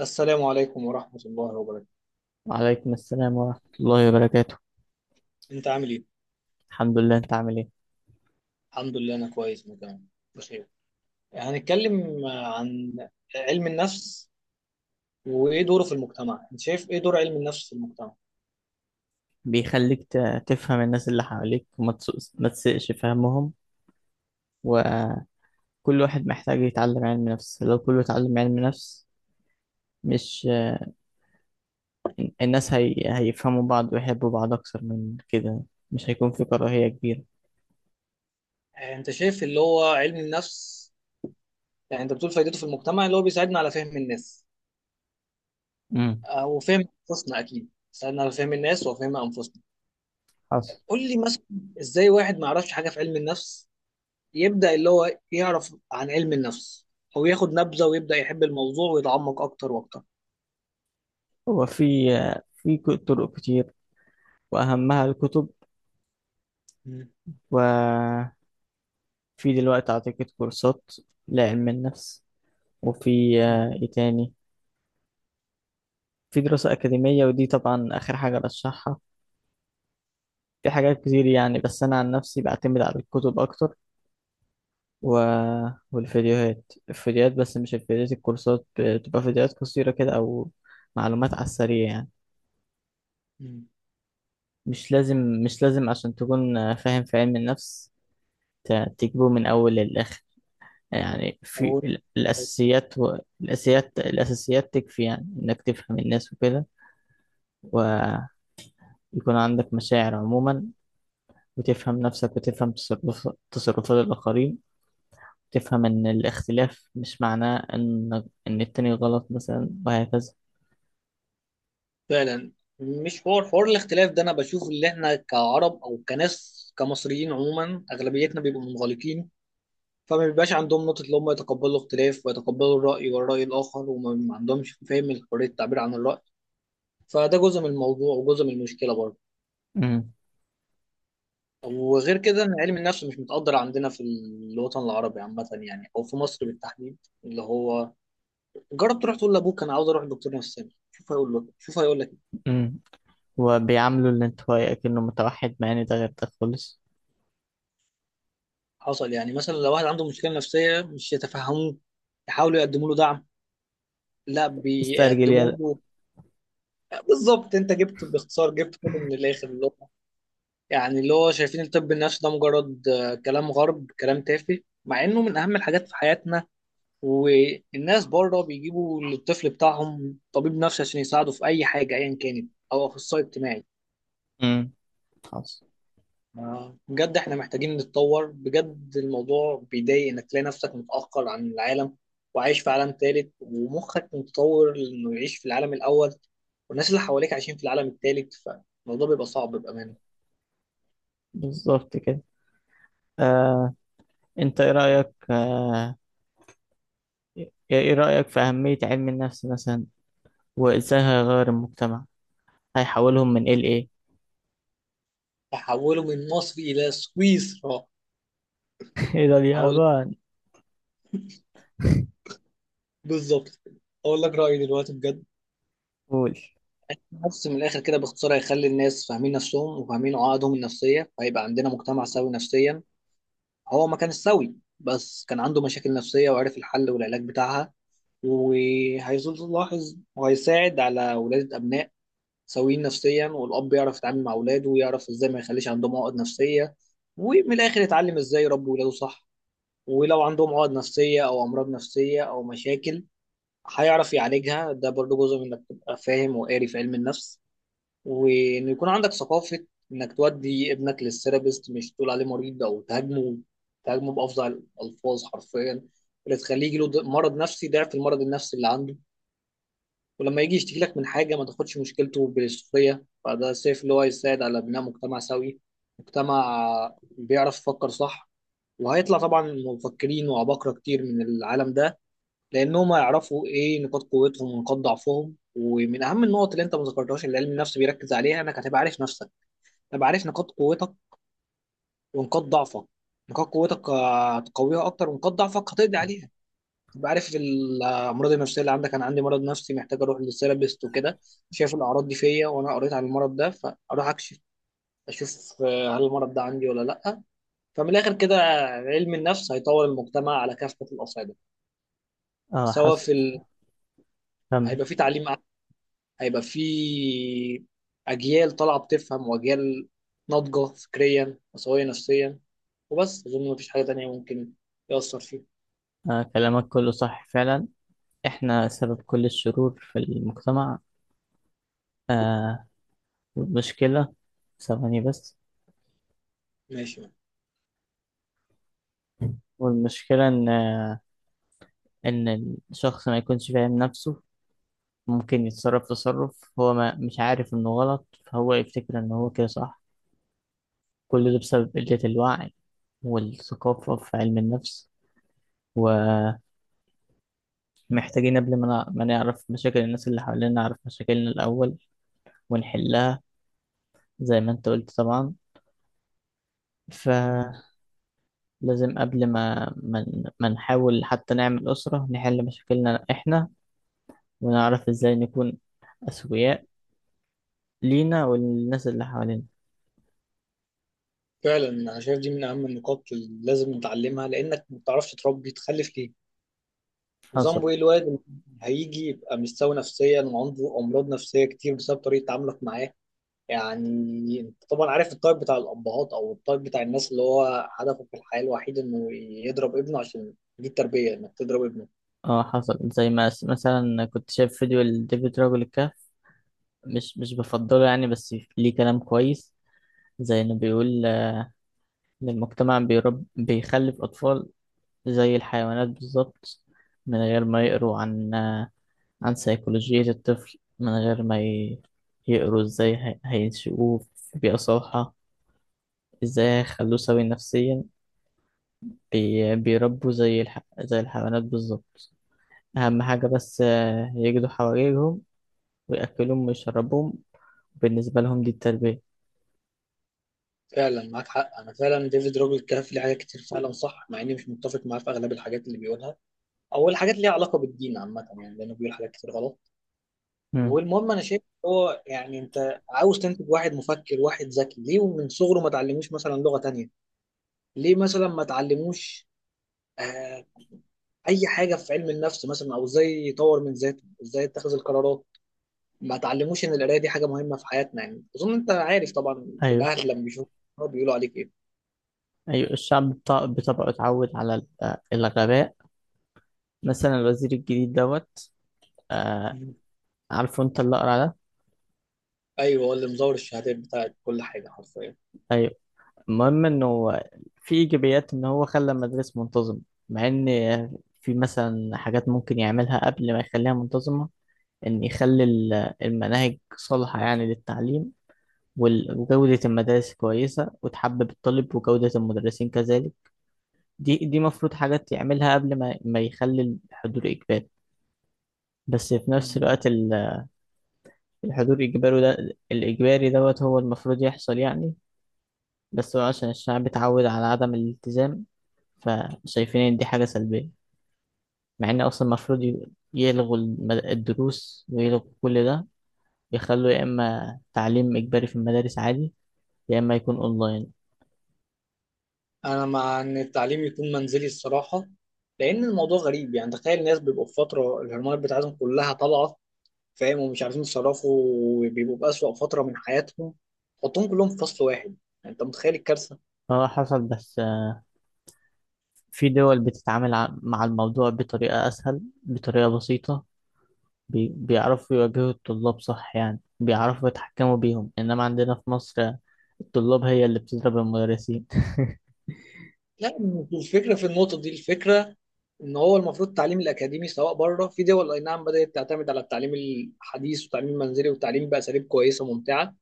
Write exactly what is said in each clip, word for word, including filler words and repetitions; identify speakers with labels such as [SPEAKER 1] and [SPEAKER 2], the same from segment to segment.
[SPEAKER 1] السلام عليكم ورحمة الله وبركاته.
[SPEAKER 2] وعليكم السلام ورحمة الله وبركاته.
[SPEAKER 1] انت عامل ايه؟
[SPEAKER 2] الحمد لله، انت عامل ايه؟
[SPEAKER 1] الحمد لله، انا كويس. انا كمان بخير. هنتكلم عن علم النفس وايه دوره في المجتمع. انت شايف ايه دور علم النفس في المجتمع؟
[SPEAKER 2] بيخليك ت- تفهم الناس اللي حواليك وما تسوقش- ما تسقش فهمهم. وكل واحد محتاج يتعلم علم نفس. لو كله اتعلم علم نفس، مش الناس هي... هيفهموا بعض ويحبوا بعض أكتر من كده. مش هيكون في كراهية كبيرة.
[SPEAKER 1] انت شايف اللي هو علم النفس، يعني انت بتقول فايدته في المجتمع اللي هو بيساعدنا على فهم الناس
[SPEAKER 2] امم
[SPEAKER 1] او فهم انفسنا. اكيد بيساعدنا على فهم الناس وفهم انفسنا.
[SPEAKER 2] حصل.
[SPEAKER 1] قول لي مثلا، ازاي واحد ما يعرفش حاجة في علم النفس يبدأ اللي هو يعرف عن علم النفس او ياخد نبذة ويبدأ يحب الموضوع ويتعمق اكتر واكتر.
[SPEAKER 2] هو في في ك- طرق كتير، وأهمها الكتب. وفي دلوقتي أعتقد كورسات لعلم النفس. وفي
[SPEAKER 1] مم.
[SPEAKER 2] آه، ايه تاني، في دراسة أكاديمية، ودي طبعا آخر حاجة برشحها. في حاجات كتير يعني، بس أنا عن نفسي بعتمد على الكتب أكتر و... والفيديوهات. الفيديوهات بس مش الفيديوهات الكورسات بتبقى فيديوهات قصيرة كده، أو معلومات على السريع يعني.
[SPEAKER 1] مم.
[SPEAKER 2] مش لازم مش لازم عشان تكون فاهم في علم النفس ت- تجيبه من أول للآخر. يعني في
[SPEAKER 1] هو
[SPEAKER 2] ال- الأساسيات و... الأساسيات الأساسيات تكفي يعني إنك تفهم الناس وكده. ويكون عندك مشاعر عموما، وتفهم نفسك وتفهم تصرف تصرفات الآخرين. تفهم إن الاختلاف مش معناه إن إن التاني غلط مثلا، وهكذا.
[SPEAKER 1] فعلا، مش حوار حوار الاختلاف ده، انا بشوف اللي احنا كعرب او كناس كمصريين عموما اغلبيتنا بيبقوا منغلقين. فما بيبقاش عندهم نقطة اللي هم يتقبلوا الاختلاف ويتقبلوا الرأي والرأي الآخر وما ما عندهمش فهم حرية التعبير عن الرأي. فده جزء من الموضوع وجزء من المشكلة برضه.
[SPEAKER 2] أمم،
[SPEAKER 1] وغير كده ان علم النفس مش متقدر عندنا في الوطن العربي عامة، يعني او في مصر بالتحديد، اللي هو جرب تروح تقول لابوك انا عاوز اروح لدكتور نفساني، شوف هيقول لك شوف هيقول لك
[SPEAKER 2] أمم. وبيعاملوا الانطوائي كأنه متوحد، مع إن ده غير ده خالص.
[SPEAKER 1] حصل، يعني مثلا لو واحد عنده مشكلة نفسية مش يتفهموه، يحاولوا يقدموا له دعم، لا
[SPEAKER 2] استرجل
[SPEAKER 1] بيقدموا
[SPEAKER 2] يلا.
[SPEAKER 1] له. بالظبط، انت جبت باختصار، جبت كله من الاخر اللي هو، يعني اللي هو شايفين الطب النفسي ده مجرد آه، كلام غرب، كلام تافه، مع انه من اهم الحاجات في حياتنا. والناس بره بيجيبوا للطفل بتاعهم طبيب نفسي عشان يساعده في اي حاجة ايا كانت، او اخصائي اجتماعي.
[SPEAKER 2] أمم، خلاص.
[SPEAKER 1] آه، بجد احنا محتاجين نتطور. بجد الموضوع بيضايق انك تلاقي نفسك متأخر عن العالم وعايش في عالم ثالث ومخك متطور انه يعيش في العالم الاول، والناس اللي حواليك عايشين في العالم الثالث، فالموضوع بيبقى صعب بأمانة.
[SPEAKER 2] بالظبط كده. آه، أنت إيه رأيك، آه، إيه إيه رأيك في أهمية علم النفس مثلا، وإزاي هيغير المجتمع؟ هيحولهم من إيه لإيه؟
[SPEAKER 1] تحوله من مصر الى سويسرا.
[SPEAKER 2] إيه ده،
[SPEAKER 1] هقول
[SPEAKER 2] اليابان؟
[SPEAKER 1] بالظبط. اقول لك رأيي دلوقتي بجد.
[SPEAKER 2] قول.
[SPEAKER 1] بس من الاخر كده باختصار، هيخلي الناس فاهمين نفسهم وفاهمين عقدهم النفسية، فهيبقى عندنا مجتمع سوي نفسيا. هو ما كانش سوي، بس كان عنده مشاكل نفسية وعرف الحل والعلاج بتاعها. وهيلاحظ وهيساعد على ولادة أبناء سويين نفسيا، والأب يعرف يتعامل مع ولاده ويعرف إزاي ما يخليش عندهم عقد نفسية. ومن الآخر يتعلم إزاي يربي ولاده صح، ولو عندهم عقد نفسية أو أمراض نفسية أو مشاكل هيعرف يعالجها. ده برضه جزء من إنك تبقى فاهم وقاري في علم النفس، وإن يكون عندك ثقافة إنك تودي ابنك للثيرابيست، مش تقول عليه مريض أو تهاجمه تهاجمه بأفظع الألفاظ حرفيا، اللي تخليه يجيله د- مرض نفسي، ضعف المرض النفسي اللي عنده. ولما يجي يشتكي لك من حاجة ما تاخدش مشكلته بالسخرية. فده شايف اللي هو يساعد على بناء مجتمع سوي، مجتمع بيعرف يفكر صح. وهيطلع طبعا مفكرين وعباقرة كتير من العالم ده، لأنهم هيعرفوا إيه نقاط قوتهم ونقاط ضعفهم. ومن أهم النقط اللي أنت ما ذكرتهاش اللي علم النفس بيركز عليها إنك هتبقى عارف نفسك، هتبقى عارف نقاط قوتك ونقاط ضعفك. نقاط قوتك آه، هتقويها أكتر، ونقاط ضعفك هتقضي عليها. تبقى عارف الامراض النفسيه اللي عندك. انا عندي مرض نفسي محتاج اروح للثيرابيست وكده. شايف الاعراض دي فيا وانا قريت عن المرض ده، فاروح اكشف، اشوف آه، هل المرض ده عندي ولا لا. فمن الاخر كده، علم النفس هيطور المجتمع على كافه الاصعده.
[SPEAKER 2] اه،
[SPEAKER 1] سواء
[SPEAKER 2] حصل.
[SPEAKER 1] في ال...
[SPEAKER 2] كمل.
[SPEAKER 1] هيبقى في تعليم أعلى، هيبقى في اجيال طالعه بتفهم، واجيال ناضجه فكريا وسويه نفسيا. وبس اظن مفيش حاجه تانية ممكن يأثر فيه.
[SPEAKER 2] آه، كلامك كله صح فعلا. احنا سبب كل الشرور في المجتمع. آه. المشكلة، ثواني بس.
[SPEAKER 1] ماشي.
[SPEAKER 2] والمشكلة ان ان الشخص ما يكونش فاهم نفسه. ممكن يتصرف تصرف هو ما مش عارف انه غلط، فهو يفتكر ان هو كده صح. كل ده بسبب قلة الوعي والثقافة في علم النفس. ومحتاجين قبل ما نع- ما نعرف مشاكل الناس اللي حوالينا، نعرف مشاكلنا الأول ونحلها، زي ما انت قلت طبعا. ف لازم قبل ما ما ما نحاول حتى نعمل أسرة، نحل مشاكلنا إحنا، ونعرف إزاي نكون أسوياء لينا والناس اللي حوالينا.
[SPEAKER 1] فعلا انا شايف دي من اهم النقاط اللي لازم نتعلمها، لانك ما بتعرفش تربي تخلف ليه، وذنبه
[SPEAKER 2] حصل.
[SPEAKER 1] ايه الواد اللي هيجي يبقى مش سوي نفسيا وعنده امراض نفسيه كتير بسبب طريقه تعاملك معاه. يعني انت طبعا عارف الطيب بتاع الابهات او الطيب بتاع الناس اللي هو هدفه في الحياه الوحيد انه يضرب ابنه، عشان دي التربيه انك تضرب ابنه.
[SPEAKER 2] اه، حصل. زي ما س- مثلا كنت شايف فيديو لديفيد راجل الكهف. مش مش بفضله يعني، بس ليه كلام كويس. زي إنه بيقول آه، إن المجتمع بيرب بيخلف أطفال زي الحيوانات بالظبط. من غير ما يقروا عن آه، عن سيكولوجية الطفل، من غير ما ي- يقروا ازاي هي- هينشئوه في بيئة صالحة، ازاي هيخلوه سوي نفسيا. بي- بيربوا زي الح... زي الحيوانات بالظبط. أهم حاجة بس آه، يجدوا حواليهم ويأكلوهم ويشربوهم، بالنسبة لهم دي التربية.
[SPEAKER 1] فعلا معاك حق. انا فعلا ديفيد روجر كان في حاجات كتير فعلا صح، مع اني مش متفق معاه في اغلب الحاجات اللي بيقولها، او الحاجات اللي ليها علاقه بالدين عامه، يعني لانه بيقول حاجات كتير غلط.
[SPEAKER 2] مم.
[SPEAKER 1] والمهم انا شايف هو، يعني انت عاوز تنتج واحد مفكر واحد ذكي، ليه ومن صغره ما تعلموش مثلا لغة تانية؟ ليه مثلا ما تعلموش آه اي حاجة في علم النفس مثلا، او ازاي يطور من ذاته، ازاي يتخذ القرارات؟ ما تعلموش ان القراية دي حاجة مهمة في حياتنا. يعني اظن انت عارف طبعا
[SPEAKER 2] أيوة.
[SPEAKER 1] الاهل لما بيشوفوا بيقولوا عليك ايه.
[SPEAKER 2] أيوة، الشعب بط- بطبعه اتعود على ال- آه، الغباء. مثلا الوزير الجديد دوت. آه،
[SPEAKER 1] مم.
[SPEAKER 2] عارفه انت اللي أقرع ده؟
[SPEAKER 1] ايوه، هو اللي مزور الشهادات بتاعت كل حاجة حرفيا.
[SPEAKER 2] أيوه. المهم انه في ايجابيات ان هو خلى المدرسة منتظم، مع ان في مثلا حاجات ممكن يعملها قبل ما يخليها منتظمة. ان يخلي ال- المناهج صالحة يعني للتعليم، وال- وجودة المدارس كويسة وتحبب الطالب، وجودة المدرسين كذلك. دي دي مفروض حاجات يعملها قبل ما ما يخلي الحضور إجباري. بس في نفس
[SPEAKER 1] مم.
[SPEAKER 2] الوقت ال- الحضور إجباري ده، الإجباري دوت هو المفروض يحصل يعني. بس هو عشان الشعب اتعود على عدم الالتزام، فشايفين إن دي حاجة سلبية. مع إن أصلا المفروض ي- يلغوا المد- الدروس ويلغوا كل ده. يخلوا يا إما تعليم إجباري في المدارس عادي، يا إما يكون أونلاين.
[SPEAKER 1] انا مع ان التعليم يكون منزلي الصراحه. لان الموضوع غريب، يعني تخيل الناس بيبقوا في فتره الهرمونات بتاعتهم كلها طالعه، فاهم، ومش عارفين يتصرفوا، وبيبقوا في أسوأ فترة من حياتهم. حطهم كلهم في فصل واحد، يعني انت متخيل الكارثة.
[SPEAKER 2] هو حصل بس آه، في دول بتتعامل ع- مع الموضوع بطريقة أسهل، بطريقة بسيطة. بي- بيعرفوا يواجهوا الطلاب صح يعني، بيعرفوا يتحكموا بيهم. إنما عندنا في مصر، الطلاب هي اللي بتضرب المدرسين.
[SPEAKER 1] لا، مش الفكرة في النقطة دي. الفكرة ان هو المفروض التعليم الاكاديمي سواء بره، في دول اي نعم بدأت تعتمد على التعليم الحديث والتعليم المنزلي والتعليم بأساليب كويسة ممتعة.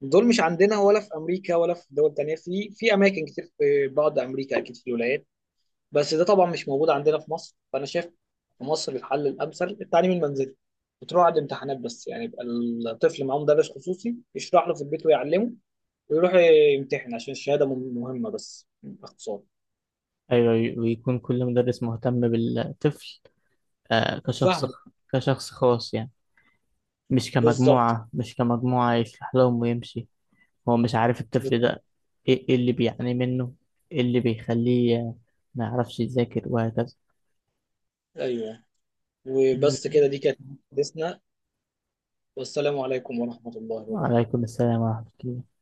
[SPEAKER 1] دول مش عندنا ولا في امريكا، ولا في دول تانية، في في اماكن كتير، في بعض امريكا اكيد في الولايات. بس ده طبعا مش موجود عندنا في مصر، فانا شايف في مصر الحل الامثل التعليم المنزلي. بتروح عند امتحانات بس يعني، يبقى الطفل معاه مدرس خصوصي يشرح له في البيت ويعلمه، ويروح يمتحن عشان الشهاده مهم- مهمه، بس باختصار.
[SPEAKER 2] أيوة. ويكون كل مدرس مهتم بالطفل آه، كشخص،
[SPEAKER 1] وفهمه.
[SPEAKER 2] كشخص خاص يعني. مش
[SPEAKER 1] بالظبط.
[SPEAKER 2] كمجموعة مش كمجموعة يسلح لهم ويمشي، هو مش عارف الطفل
[SPEAKER 1] بس-
[SPEAKER 2] ده ايه إيه اللي بيعاني منه، ايه اللي بيخليه ما يعرفش يذاكر، وهكذا.
[SPEAKER 1] ايوه. وبس كده، دي كانت حديثنا. والسلام عليكم ورحمه الله وبركاته.
[SPEAKER 2] وعليكم السلام ورحمة الله.